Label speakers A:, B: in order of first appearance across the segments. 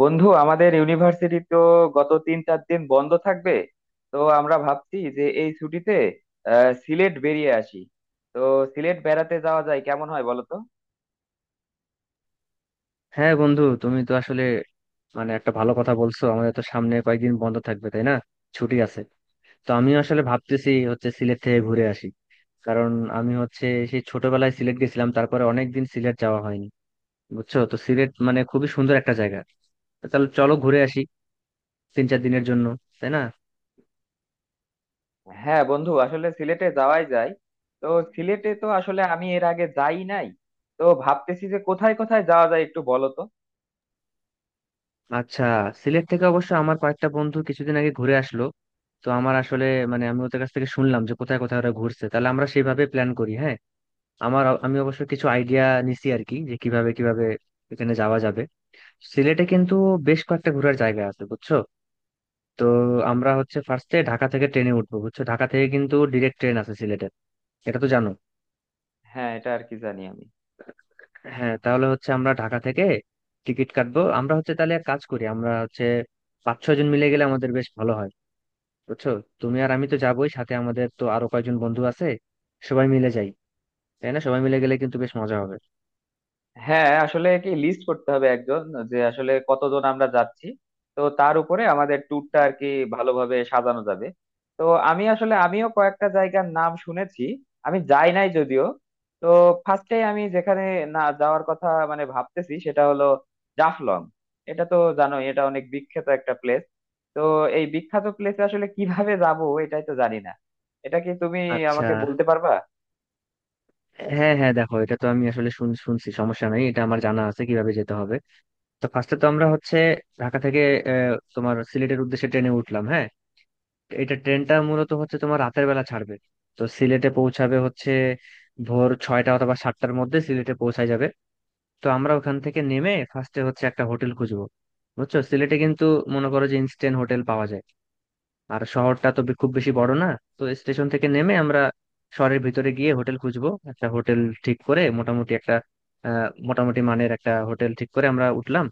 A: বন্ধু, আমাদের ইউনিভার্সিটি তো গত 3-4 দিন বন্ধ থাকবে। তো আমরা ভাবছি যে এই ছুটিতে সিলেট বেরিয়ে আসি। তো সিলেট বেড়াতে যাওয়া যায়, কেমন হয় বলো তো?
B: হ্যাঁ বন্ধু, তুমি তো আসলে মানে একটা ভালো কথা বলছো। আমাদের তো সামনে কয়েকদিন বন্ধ থাকবে, তাই না? ছুটি আছে। তো আমি আসলে ভাবতেছি হচ্ছে সিলেট থেকে ঘুরে আসি। কারণ আমি হচ্ছে সেই ছোটবেলায় সিলেট গেছিলাম, তারপরে অনেকদিন সিলেট যাওয়া হয়নি। বুঝছো তো, সিলেট মানে খুবই সুন্দর একটা জায়গা। তো তাহলে চলো ঘুরে আসি তিন চার দিনের জন্য, তাই না?
A: হ্যাঁ বন্ধু, আসলে সিলেটে যাওয়াই যায়। তো সিলেটে তো আসলে আমি এর আগে যাই নাই। তো ভাবতেছি যে কোথায় কোথায় যাওয়া যায়, একটু বলো তো।
B: আচ্ছা, সিলেট থেকে অবশ্য আমার কয়েকটা বন্ধু কিছুদিন আগে ঘুরে আসলো। তো আমার আসলে মানে আমি ওদের কাছ থেকে শুনলাম যে কোথায় কোথায় ওরা ঘুরছে, তাহলে আমরা সেইভাবে প্ল্যান করি। হ্যাঁ, আমি অবশ্য কিছু আইডিয়া নিছি আর কি, যে কিভাবে কিভাবে এখানে যাওয়া যাবে। সিলেটে কিন্তু বেশ কয়েকটা ঘোরার জায়গা আছে, বুঝছো? তো আমরা হচ্ছে ফার্স্টে ঢাকা থেকে ট্রেনে উঠবো, বুঝছো? ঢাকা থেকে কিন্তু ডিরেক্ট ট্রেন আছে সিলেটে, এটা তো জানো।
A: হ্যাঁ, এটা আর কি জানি আমি।
B: হ্যাঁ, তাহলে হচ্ছে আমরা ঢাকা থেকে টিকিট কাটবো। আমরা হচ্ছে তাহলে এক কাজ করি, আমরা হচ্ছে পাঁচ ছয় জন মিলে গেলে আমাদের বেশ ভালো হয়, বুঝছো? তুমি আর আমি তো যাবোই, সাথে আমাদের তো আরো কয়েকজন বন্ধু আছে, সবাই মিলে যাই। তাই না, সবাই মিলে গেলে কিন্তু বেশ মজা হবে।
A: হ্যাঁ আসলে কি, লিস্ট করতে হবে একজন, যে আসলে কতজন আমরা যাচ্ছি। তো তার উপরে আমাদের ট্যুরটা আর কি ভালোভাবে সাজানো যাবে। তো আমি আসলে আমিও কয়েকটা জায়গার নাম শুনেছি, আমি যাই নাই যদিও। তো ফার্স্টে আমি যেখানে না যাওয়ার কথা মানে ভাবতেছি সেটা হলো জাফলং। এটা তো জানোই, এটা অনেক বিখ্যাত একটা প্লেস। তো এই বিখ্যাত প্লেসে আসলে কিভাবে যাব এটাই তো জানি না। এটা কি তুমি
B: আচ্ছা।
A: আমাকে বলতে পারবা?
B: হ্যাঁ হ্যাঁ, দেখো, এটা তো আমি আসলে শুনছি, সমস্যা নাই, এটা আমার জানা আছে কিভাবে যেতে হবে। তো ফার্স্টে তো আমরা হচ্ছে ঢাকা থেকে তোমার সিলেটের উদ্দেশ্যে ট্রেনে উঠলাম, হ্যাঁ। এটা ট্রেনটা মূলত হচ্ছে তোমার রাতের বেলা ছাড়বে। তো সিলেটে পৌঁছাবে হচ্ছে ভোর ছয়টা অথবা সাতটার মধ্যে সিলেটে পৌঁছায় যাবে। তো আমরা ওখান থেকে নেমে ফার্স্টে হচ্ছে একটা হোটেল খুঁজবো। বুঝছো, সিলেটে কিন্তু মনে করো যে ইনস্ট্যান্ট হোটেল পাওয়া যায়। আর শহরটা তো খুব বেশি বড় না। তো স্টেশন থেকে নেমে আমরা শহরের ভিতরে গিয়ে হোটেল খুঁজবো, একটা হোটেল ঠিক করে, মোটামুটি একটা মোটামুটি মানের একটা হোটেল ঠিক করে আমরা উঠলাম।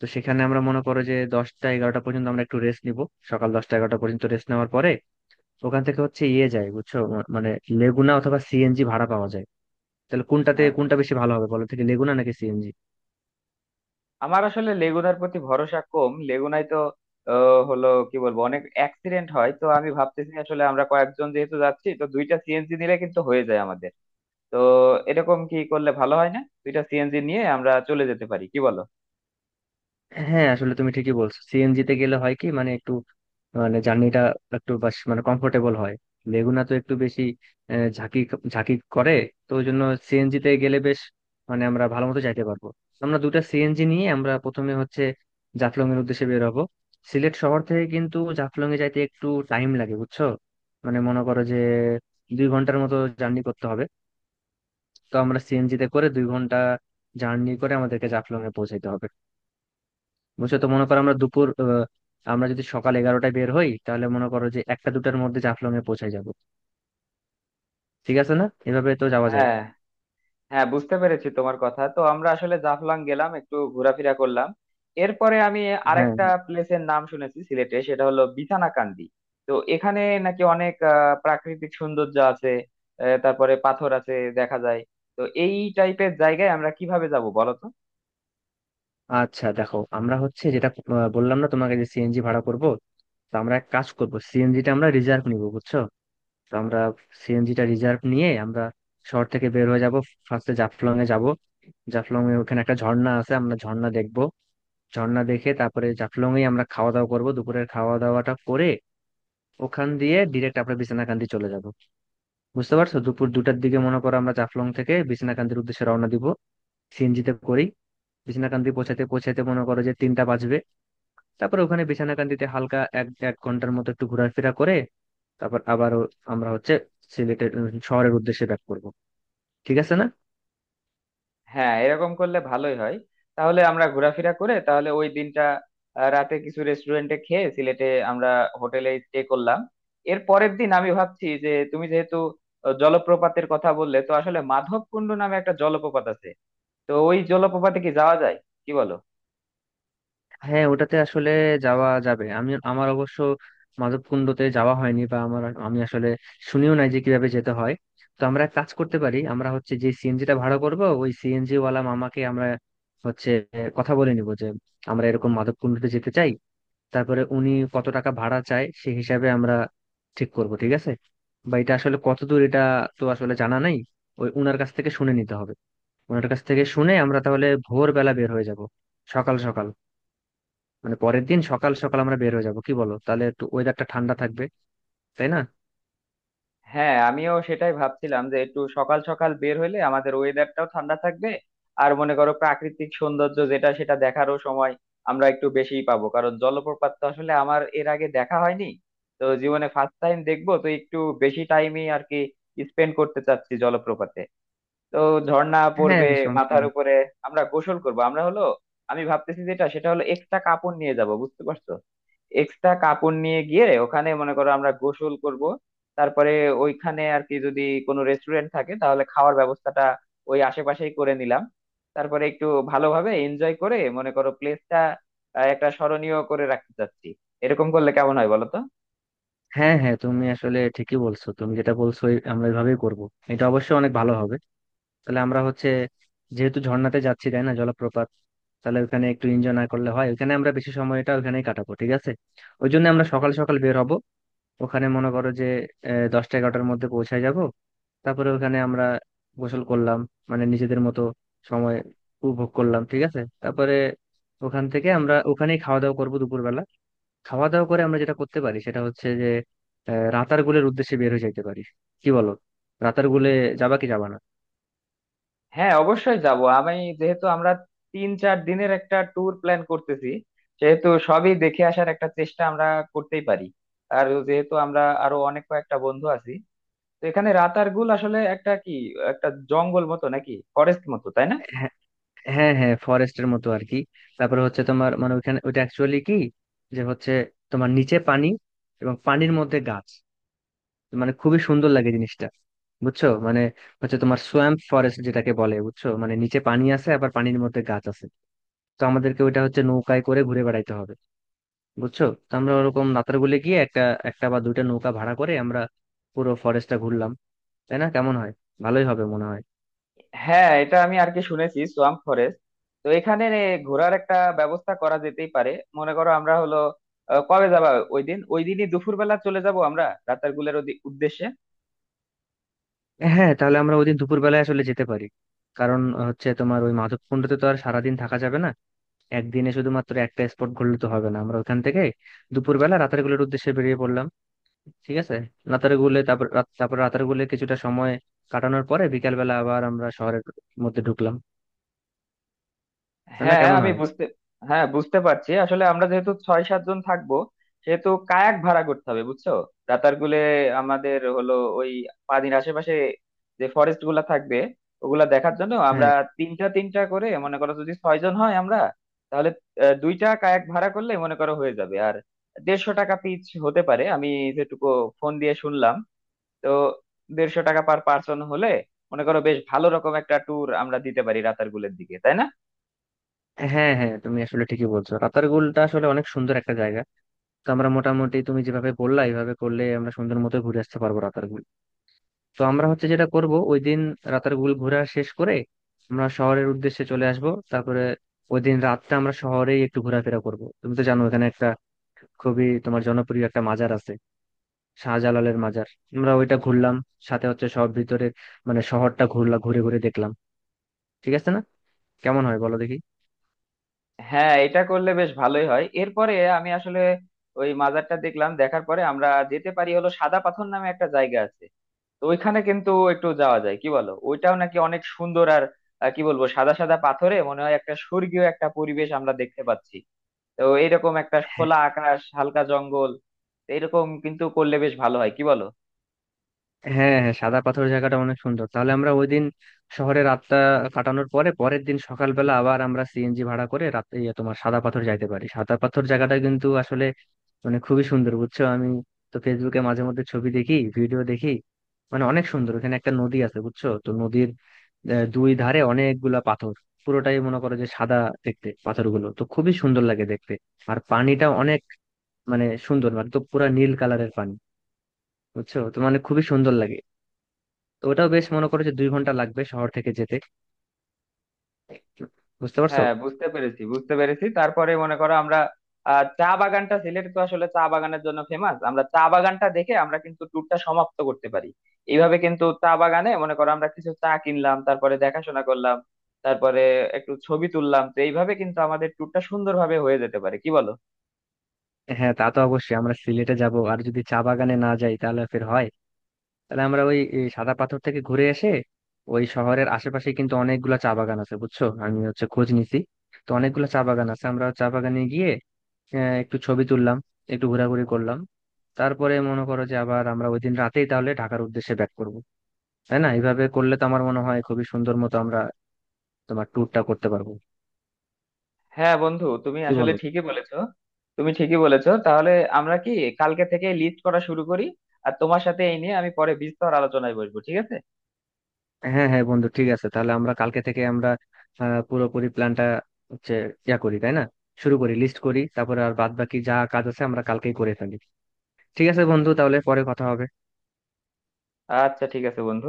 B: তো সেখানে আমরা মনে করো যে দশটা এগারোটা পর্যন্ত আমরা একটু রেস্ট নিব। সকাল দশটা এগারোটা পর্যন্ত রেস্ট নেওয়ার পরে ওখান থেকে হচ্ছে ইয়ে যায়, বুঝছো? মানে লেগুনা অথবা সিএনজি ভাড়া পাওয়া যায়। তাহলে কোনটাতে কোনটা
A: আচ্ছা,
B: বেশি ভালো হবে বলো, থেকে লেগুনা নাকি সিএনজি?
A: আমার আসলে লেগুনার প্রতি ভরসা কম। লেগুনায় তো হলো কি বলবো, অনেক অ্যাক্সিডেন্ট হয়। তো আমি ভাবতেছি আসলে আমরা কয়েকজন যেহেতু যাচ্ছি তো দুইটা সিএনজি নিলে কিন্তু হয়ে যায় আমাদের। তো এরকম কি করলে ভালো হয় না, দুইটা সিএনজি নিয়ে আমরা চলে যেতে পারি, কি বলো?
B: হ্যাঁ আসলে তুমি ঠিকই বলছো, সিএনজি তে গেলে হয় কি, মানে একটু মানে জার্নিটা একটু বাস মানে কমফোর্টেবল হয়। লেগুনা তো একটু বেশি ঝাঁকি ঝাঁকি করে। তো ওই জন্য সিএনজি তে গেলে বেশ মানে আমরা ভালো মতো যাইতে পারবো। আমরা দুটা সিএনজি নিয়ে আমরা প্রথমে হচ্ছে জাফলং এর উদ্দেশ্যে বের হবো। সিলেট শহর থেকে কিন্তু জাফলং এ যাইতে একটু টাইম লাগে, বুঝছো? মানে মনে করো যে দুই ঘন্টার মতো জার্নি করতে হবে। তো আমরা সিএনজি তে করে দুই ঘন্টা জার্নি করে আমাদেরকে জাফলং এ পৌঁছাইতে হবে, বুঝছো? তো মনে করো আমরা দুপুর আমরা যদি সকাল এগারোটায় বের হই তাহলে মনে করো যে একটা দুটার মধ্যে জাফলং এ পৌঁছে যাব। ঠিক আছে না, এভাবে তো যাওয়া যায়।
A: হ্যাঁ হ্যাঁ, বুঝতে পেরেছি তোমার কথা। তো আমরা আসলে জাফলং গেলাম, একটু ঘোরাফেরা করলাম। এরপরে আমি
B: হ্যাঁ
A: আরেকটা
B: হ্যাঁ।
A: প্লেসের নাম শুনেছি সিলেটে, সেটা হলো বিছানাকান্দি। তো এখানে নাকি অনেক প্রাকৃতিক সৌন্দর্য আছে। তারপরে পাথর আছে, দেখা যায়। তো এই টাইপের জায়গায় আমরা কিভাবে যাব বলো তো।
B: আচ্ছা দেখো, আমরা হচ্ছে যেটা বললাম না তোমাকে যে সিএনজি ভাড়া করব। তো আমরা এক কাজ করব, সিএনজিটা আমরা রিজার্ভ নিব, বুঝছো? তো আমরা সিএনজিটা রিজার্ভ নিয়ে আমরা শহর থেকে বের হয়ে যাব। ফার্স্টে জাফলং এ যাব, জাফলং এ ওখানে একটা ঝর্ণা আছে, আমরা ঝর্ণা দেখব। ঝর্ণা দেখে তারপরে জাফলং এ আমরা খাওয়া দাওয়া করব, দুপুরের খাওয়া দাওয়াটা করে ওখান দিয়ে ডিরেক্ট আমরা বিছনাকান্দি চলে যাব। বুঝতে পারছো? দুপুর দুটার দিকে মনে করো আমরা জাফলং থেকে বিছনাকান্দির উদ্দেশ্যে রওনা দিব, সিএনজিতে করেই। বিছনাকান্দি পৌঁছাতে পৌঁছাতে মনে করো যে তিনটা বাজবে। তারপর ওখানে বিছনাকান্দিতে হালকা এক এক ঘন্টার মতো একটু ঘোরাফেরা করে তারপর আবারও আমরা হচ্ছে সিলেটের শহরের উদ্দেশ্যে ব্যাক করব। ঠিক আছে না?
A: হ্যাঁ এরকম করলে ভালোই হয়। তাহলে আমরা ঘোরাফেরা করে তাহলে ওই দিনটা রাতে কিছু রেস্টুরেন্টে খেয়ে সিলেটে আমরা হোটেলে স্টে করলাম। এর পরের দিন আমি ভাবছি যে তুমি যেহেতু জলপ্রপাতের কথা বললে, তো আসলে মাধবকুণ্ড নামে একটা জলপ্রপাত আছে। তো ওই জলপ্রপাতে কি যাওয়া যায়, কি বলো?
B: হ্যাঁ ওটাতে আসলে যাওয়া যাবে। আমি আমার অবশ্য মাধবকুণ্ডতে যাওয়া হয়নি, বা আমার আমি আসলে শুনিও নাই যে কিভাবে যেতে হয়। তো আমরা এক কাজ করতে পারি, আমরা হচ্ছে যে সিএনজিটা ভাড়া করব, ওই সিএনজি ওয়ালা মামাকে আমরা হচ্ছে কথা বলে নিব যে আমরা এরকম মাধবকুণ্ডতে যেতে চাই। তারপরে উনি কত টাকা ভাড়া চায় সেই হিসাবে আমরা ঠিক করব, ঠিক আছে? বা এটা আসলে কত দূর, এটা তো আসলে জানা নাই, ওই উনার কাছ থেকে শুনে নিতে হবে। ওনার কাছ থেকে শুনে আমরা তাহলে ভোরবেলা বের হয়ে যাব, সকাল সকাল। মানে পরের দিন সকাল সকাল আমরা বের হয়ে যাব, কি বলো, তাহলে একটু ওয়েদারটা ঠান্ডা থাকবে, তাই না?
A: হ্যাঁ, আমিও সেটাই ভাবছিলাম যে একটু সকাল সকাল বের হইলে আমাদের ওয়েদারটাও ঠান্ডা থাকবে। আর মনে করো প্রাকৃতিক সৌন্দর্য যেটা সেটা দেখারও সময় আমরা একটু বেশিই পাবো, কারণ জলপ্রপাত তো আসলে আমার এর আগে দেখা হয়নি। তো জীবনে ফার্স্ট টাইম দেখবো তো একটু বেশি টাইমই আর কি স্পেন্ড করতে চাচ্ছি জলপ্রপাতে। তো ঝর্ণা
B: হ্যাঁ
A: পড়বে
B: সমস্যা
A: মাথার
B: নেই।
A: উপরে, আমরা গোসল করব। আমরা হলো, আমি ভাবতেছি যেটা সেটা হলো এক্সট্রা কাপড় নিয়ে যাব, বুঝতে পারছো? এক্সট্রা কাপড় নিয়ে গিয়ে ওখানে মনে করো আমরা গোসল করব। তারপরে ওইখানে আর কি যদি কোনো রেস্টুরেন্ট থাকে তাহলে খাওয়ার ব্যবস্থাটা ওই আশেপাশেই করে নিলাম। তারপরে একটু ভালোভাবে এনজয় করে মনে করো প্লেসটা একটা স্মরণীয় করে রাখতে চাচ্ছি। এরকম করলে কেমন হয় বলো তো?
B: হ্যাঁ হ্যাঁ তুমি আসলে ঠিকই বলছো, তুমি যেটা বলছো আমরা এভাবেই করব। এটা অবশ্যই অনেক ভালো হবে। তাহলে আমরা হচ্ছে যেহেতু ঝর্ণাতে যাচ্ছি, তাই না, জলপ্রপাত, তাহলে ওখানে একটু এনজয় না করলে হয়? ওখানে আমরা বেশি সময়টা ওখানেই কাটাবো, ঠিক আছে? ওই জন্য আমরা সকাল সকাল বের হব। ওখানে মনে করো যে দশটা এগারোটার মধ্যে পৌঁছায় যাব। তারপরে ওখানে আমরা গোসল করলাম, মানে নিজেদের মতো সময় উপভোগ করলাম, ঠিক আছে? তারপরে ওখান থেকে আমরা ওখানেই খাওয়া দাওয়া করবো দুপুরবেলা। খাওয়া দাওয়া করে আমরা যেটা করতে পারি সেটা হচ্ছে যে রাতারগুলের উদ্দেশ্যে বের হয়ে যাইতে পারি। কি বলো, রাতারগুলে যাবা কি যাবা না?
A: হ্যাঁ অবশ্যই যাব আমি। যেহেতু আমরা 3-4 দিনের একটা ট্যুর প্ল্যান করতেছি সেহেতু সবই দেখে আসার একটা চেষ্টা আমরা করতেই পারি। আর যেহেতু আমরা আরো অনেক কয়েকটা বন্ধু আছি, তো এখানে রাতারগুল আসলে একটা কি, একটা জঙ্গল মতো নাকি ফরেস্ট মতো, তাই না?
B: হ্যাঁ হ্যাঁ হ্যাঁ ফরেস্টের মতো আর কি। তারপরে হচ্ছে তোমার মানে ওইখানে ওইটা অ্যাকচুয়ালি কি, যে হচ্ছে তোমার নিচে পানি এবং পানির মধ্যে গাছ, মানে খুবই সুন্দর লাগে জিনিসটা, বুঝছো? মানে হচ্ছে তোমার সোয়াম্প ফরেস্ট যেটাকে বলে, বুঝছো, মানে নিচে পানি আছে আবার পানির মধ্যে গাছ আছে। তো আমাদেরকে ওইটা হচ্ছে নৌকায় করে ঘুরে বেড়াইতে হবে, বুঝছো? তো আমরা ওরকম নাতারগুলে গিয়ে একটা একটা বা দুইটা নৌকা ভাড়া করে আমরা পুরো ফরেস্টটা ঘুরলাম। তাই না, কেমন হয়? ভালোই হবে মনে হয়।
A: হ্যাঁ এটা আমি আর কি শুনেছি সোয়াম্প ফরেস্ট। তো এখানে ঘোরার একটা ব্যবস্থা করা যেতেই পারে। মনে করো আমরা হলো কবে যাবা ওই দিন, ওই দিনই দুপুরবেলা চলে যাব আমরা রাতারগুলের উদ্দেশ্যে।
B: হ্যাঁ তাহলে আমরা ওইদিন দুপুরবেলায় আসলে যেতে পারি। কারণ হচ্ছে তোমার ওই মাধবকুণ্ডতে তো আর সারাদিন থাকা যাবে না। একদিনে শুধুমাত্র একটা স্পট ঘুরলে তো হবে না, আমরা ওখান থেকে দুপুরবেলা রাতারগুলের উদ্দেশ্যে বেরিয়ে পড়লাম, ঠিক আছে? নাতারগুলে তারপর তারপর রাতারগুলে কিছুটা সময় কাটানোর পরে বিকালবেলা আবার আমরা শহরের মধ্যে ঢুকলাম। তাই না,
A: হ্যাঁ হ্যাঁ,
B: কেমন
A: আমি
B: হয়?
A: বুঝতে, হ্যাঁ বুঝতে পারছি। আসলে আমরা যেহেতু ছয় সাতজন থাকবো সেহেতু কায়াক ভাড়া করতে হবে, বুঝছো, রাতারগুলে। আমাদের হলো ওই পানির আশেপাশে যে ফরেস্ট গুলা থাকবে ওগুলা দেখার জন্য আমরা
B: হ্যাঁ
A: তিনটা তিনটা করে মনে করো, যদি 6 জন হয় আমরা, তাহলে দুইটা কায়াক ভাড়া করলে মনে করো হয়ে যাবে। আর 150 টাকা পিচ হতে পারে আমি যেটুকু ফোন দিয়ে শুনলাম। তো 150 টাকা পার পার্সন হলে মনে করো বেশ ভালো রকম একটা ট্যুর আমরা দিতে পারি রাতারগুলের দিকে, তাই না?
B: হ্যাঁ হ্যাঁ তুমি আসলে ঠিকই বলছো, রাতারগুলটা আসলে অনেক সুন্দর একটা জায়গা। তো আমরা মোটামুটি তুমি যেভাবে বললা এইভাবে করলে আমরা সুন্দর মতো ঘুরে আসতে পারবো রাতারগুল। তো আমরা হচ্ছে যেটা করব ওই দিন রাতারগুল ঘোরা শেষ করে আমরা শহরের উদ্দেশ্যে চলে আসব। তারপরে ওই দিন রাতটা আমরা শহরেই একটু ঘোরাফেরা করব। তুমি তো জানো এখানে একটা খুবই তোমার জনপ্রিয় একটা মাজার আছে, শাহজালালের মাজার। আমরা ওইটা ঘুরলাম, সাথে হচ্ছে সব ভিতরের মানে শহরটা ঘুরলাম, ঘুরে ঘুরে দেখলাম, ঠিক আছে না? কেমন হয় বলো দেখি?
A: হ্যাঁ এটা করলে বেশ ভালোই হয়। এরপরে আমি আসলে ওই মাজারটা দেখলাম। দেখার পরে আমরা যেতে পারি হলো সাদা পাথর নামে একটা জায়গা আছে। তো ওইখানে কিন্তু একটু যাওয়া যায় কি বলো, ওইটাও নাকি অনেক সুন্দর। আর কি বলবো, সাদা সাদা পাথরে মনে হয় একটা স্বর্গীয় একটা পরিবেশ আমরা দেখতে পাচ্ছি। তো এইরকম একটা
B: হ্যাঁ
A: খোলা আকাশ, হালকা জঙ্গল, তো এরকম কিন্তু করলে বেশ ভালো হয়, কি বলো?
B: হ্যাঁ হ্যাঁ সাদা পাথর জায়গাটা অনেক সুন্দর। তাহলে আমরা ওই দিন শহরে রাতটা কাটানোর পরে পরের দিন সকালবেলা আবার আমরা সিএনজি ভাড়া করে রাতে ইয়ে তোমার সাদা পাথর যাইতে পারি। সাদা পাথর জায়গাটা কিন্তু আসলে মানে খুবই সুন্দর, বুঝছো? আমি তো ফেসবুকে মাঝে মধ্যে ছবি দেখি, ভিডিও দেখি, মানে অনেক সুন্দর। ওখানে একটা নদী আছে, বুঝছো তো, নদীর দুই ধারে অনেকগুলা পাথর, পুরোটাই মনে করো যে সাদা দেখতে, পাথরগুলো তো খুবই সুন্দর লাগে দেখতে। আর পানিটা অনেক মানে সুন্দর, মানে তো পুরা নীল কালারের পানি, বুঝছো তো, মানে খুবই সুন্দর লাগে। তো ওটাও বেশ মনে করো যে দুই ঘন্টা লাগবে শহর থেকে যেতে, বুঝতে পারছো?
A: হ্যাঁ বুঝতে পেরেছি বুঝতে পেরেছি। তারপরে মনে করো আমরা চা বাগানটা, সিলেট তো আসলে চা বাগানের জন্য ফেমাস, আমরা চা বাগানটা দেখে আমরা কিন্তু ট্যুরটা সমাপ্ত করতে পারি। এইভাবে কিন্তু চা বাগানে মনে করো আমরা কিছু চা কিনলাম, তারপরে দেখাশোনা করলাম, তারপরে একটু ছবি তুললাম। তো এইভাবে কিন্তু আমাদের ট্যুরটা সুন্দরভাবে হয়ে যেতে পারে, কি বলো?
B: হ্যাঁ তা তো অবশ্যই, আমরা সিলেটে যাব আর যদি চা বাগানে না যাই তাহলে ফের হয়। তাহলে আমরা ওই এই সাদা পাথর থেকে ঘুরে এসে ওই শহরের আশেপাশে কিন্তু অনেকগুলা চা বাগান আছে, বুঝছো, আমি হচ্ছে খোঁজ নিছি। তো অনেকগুলা চা বাগান আছে, আমরা চা বাগানে গিয়ে একটু ছবি তুললাম, একটু ঘোরাঘুরি করলাম। তারপরে মনে করো যে আবার আমরা ওই দিন রাতেই তাহলে ঢাকার উদ্দেশ্যে ব্যাক করবো, তাই না? এইভাবে করলে তো আমার মনে হয় খুবই সুন্দর মতো আমরা তোমার ট্যুরটা করতে পারবো,
A: হ্যাঁ বন্ধু, তুমি
B: কি
A: আসলে
B: বলো?
A: ঠিকই বলেছো। তুমি ঠিকই বলেছো। তাহলে আমরা কি কালকে থেকে লিস্ট করা শুরু করি? আর তোমার সাথে এই নিয়ে আমি পরে বিস্তর আলোচনায় বসবো, ঠিক আছে?
B: হ্যাঁ হ্যাঁ বন্ধু, ঠিক আছে। তাহলে আমরা কালকে থেকে আমরা পুরোপুরি প্ল্যানটা হচ্ছে ইয়া করি, তাই না? শুরু করি, লিস্ট করি, তারপরে আর বাদ বাকি যা কাজ আছে আমরা কালকেই করে ফেলি। ঠিক আছে বন্ধু, তাহলে পরে কথা হবে।
A: আচ্ছা ঠিক আছে বন্ধু।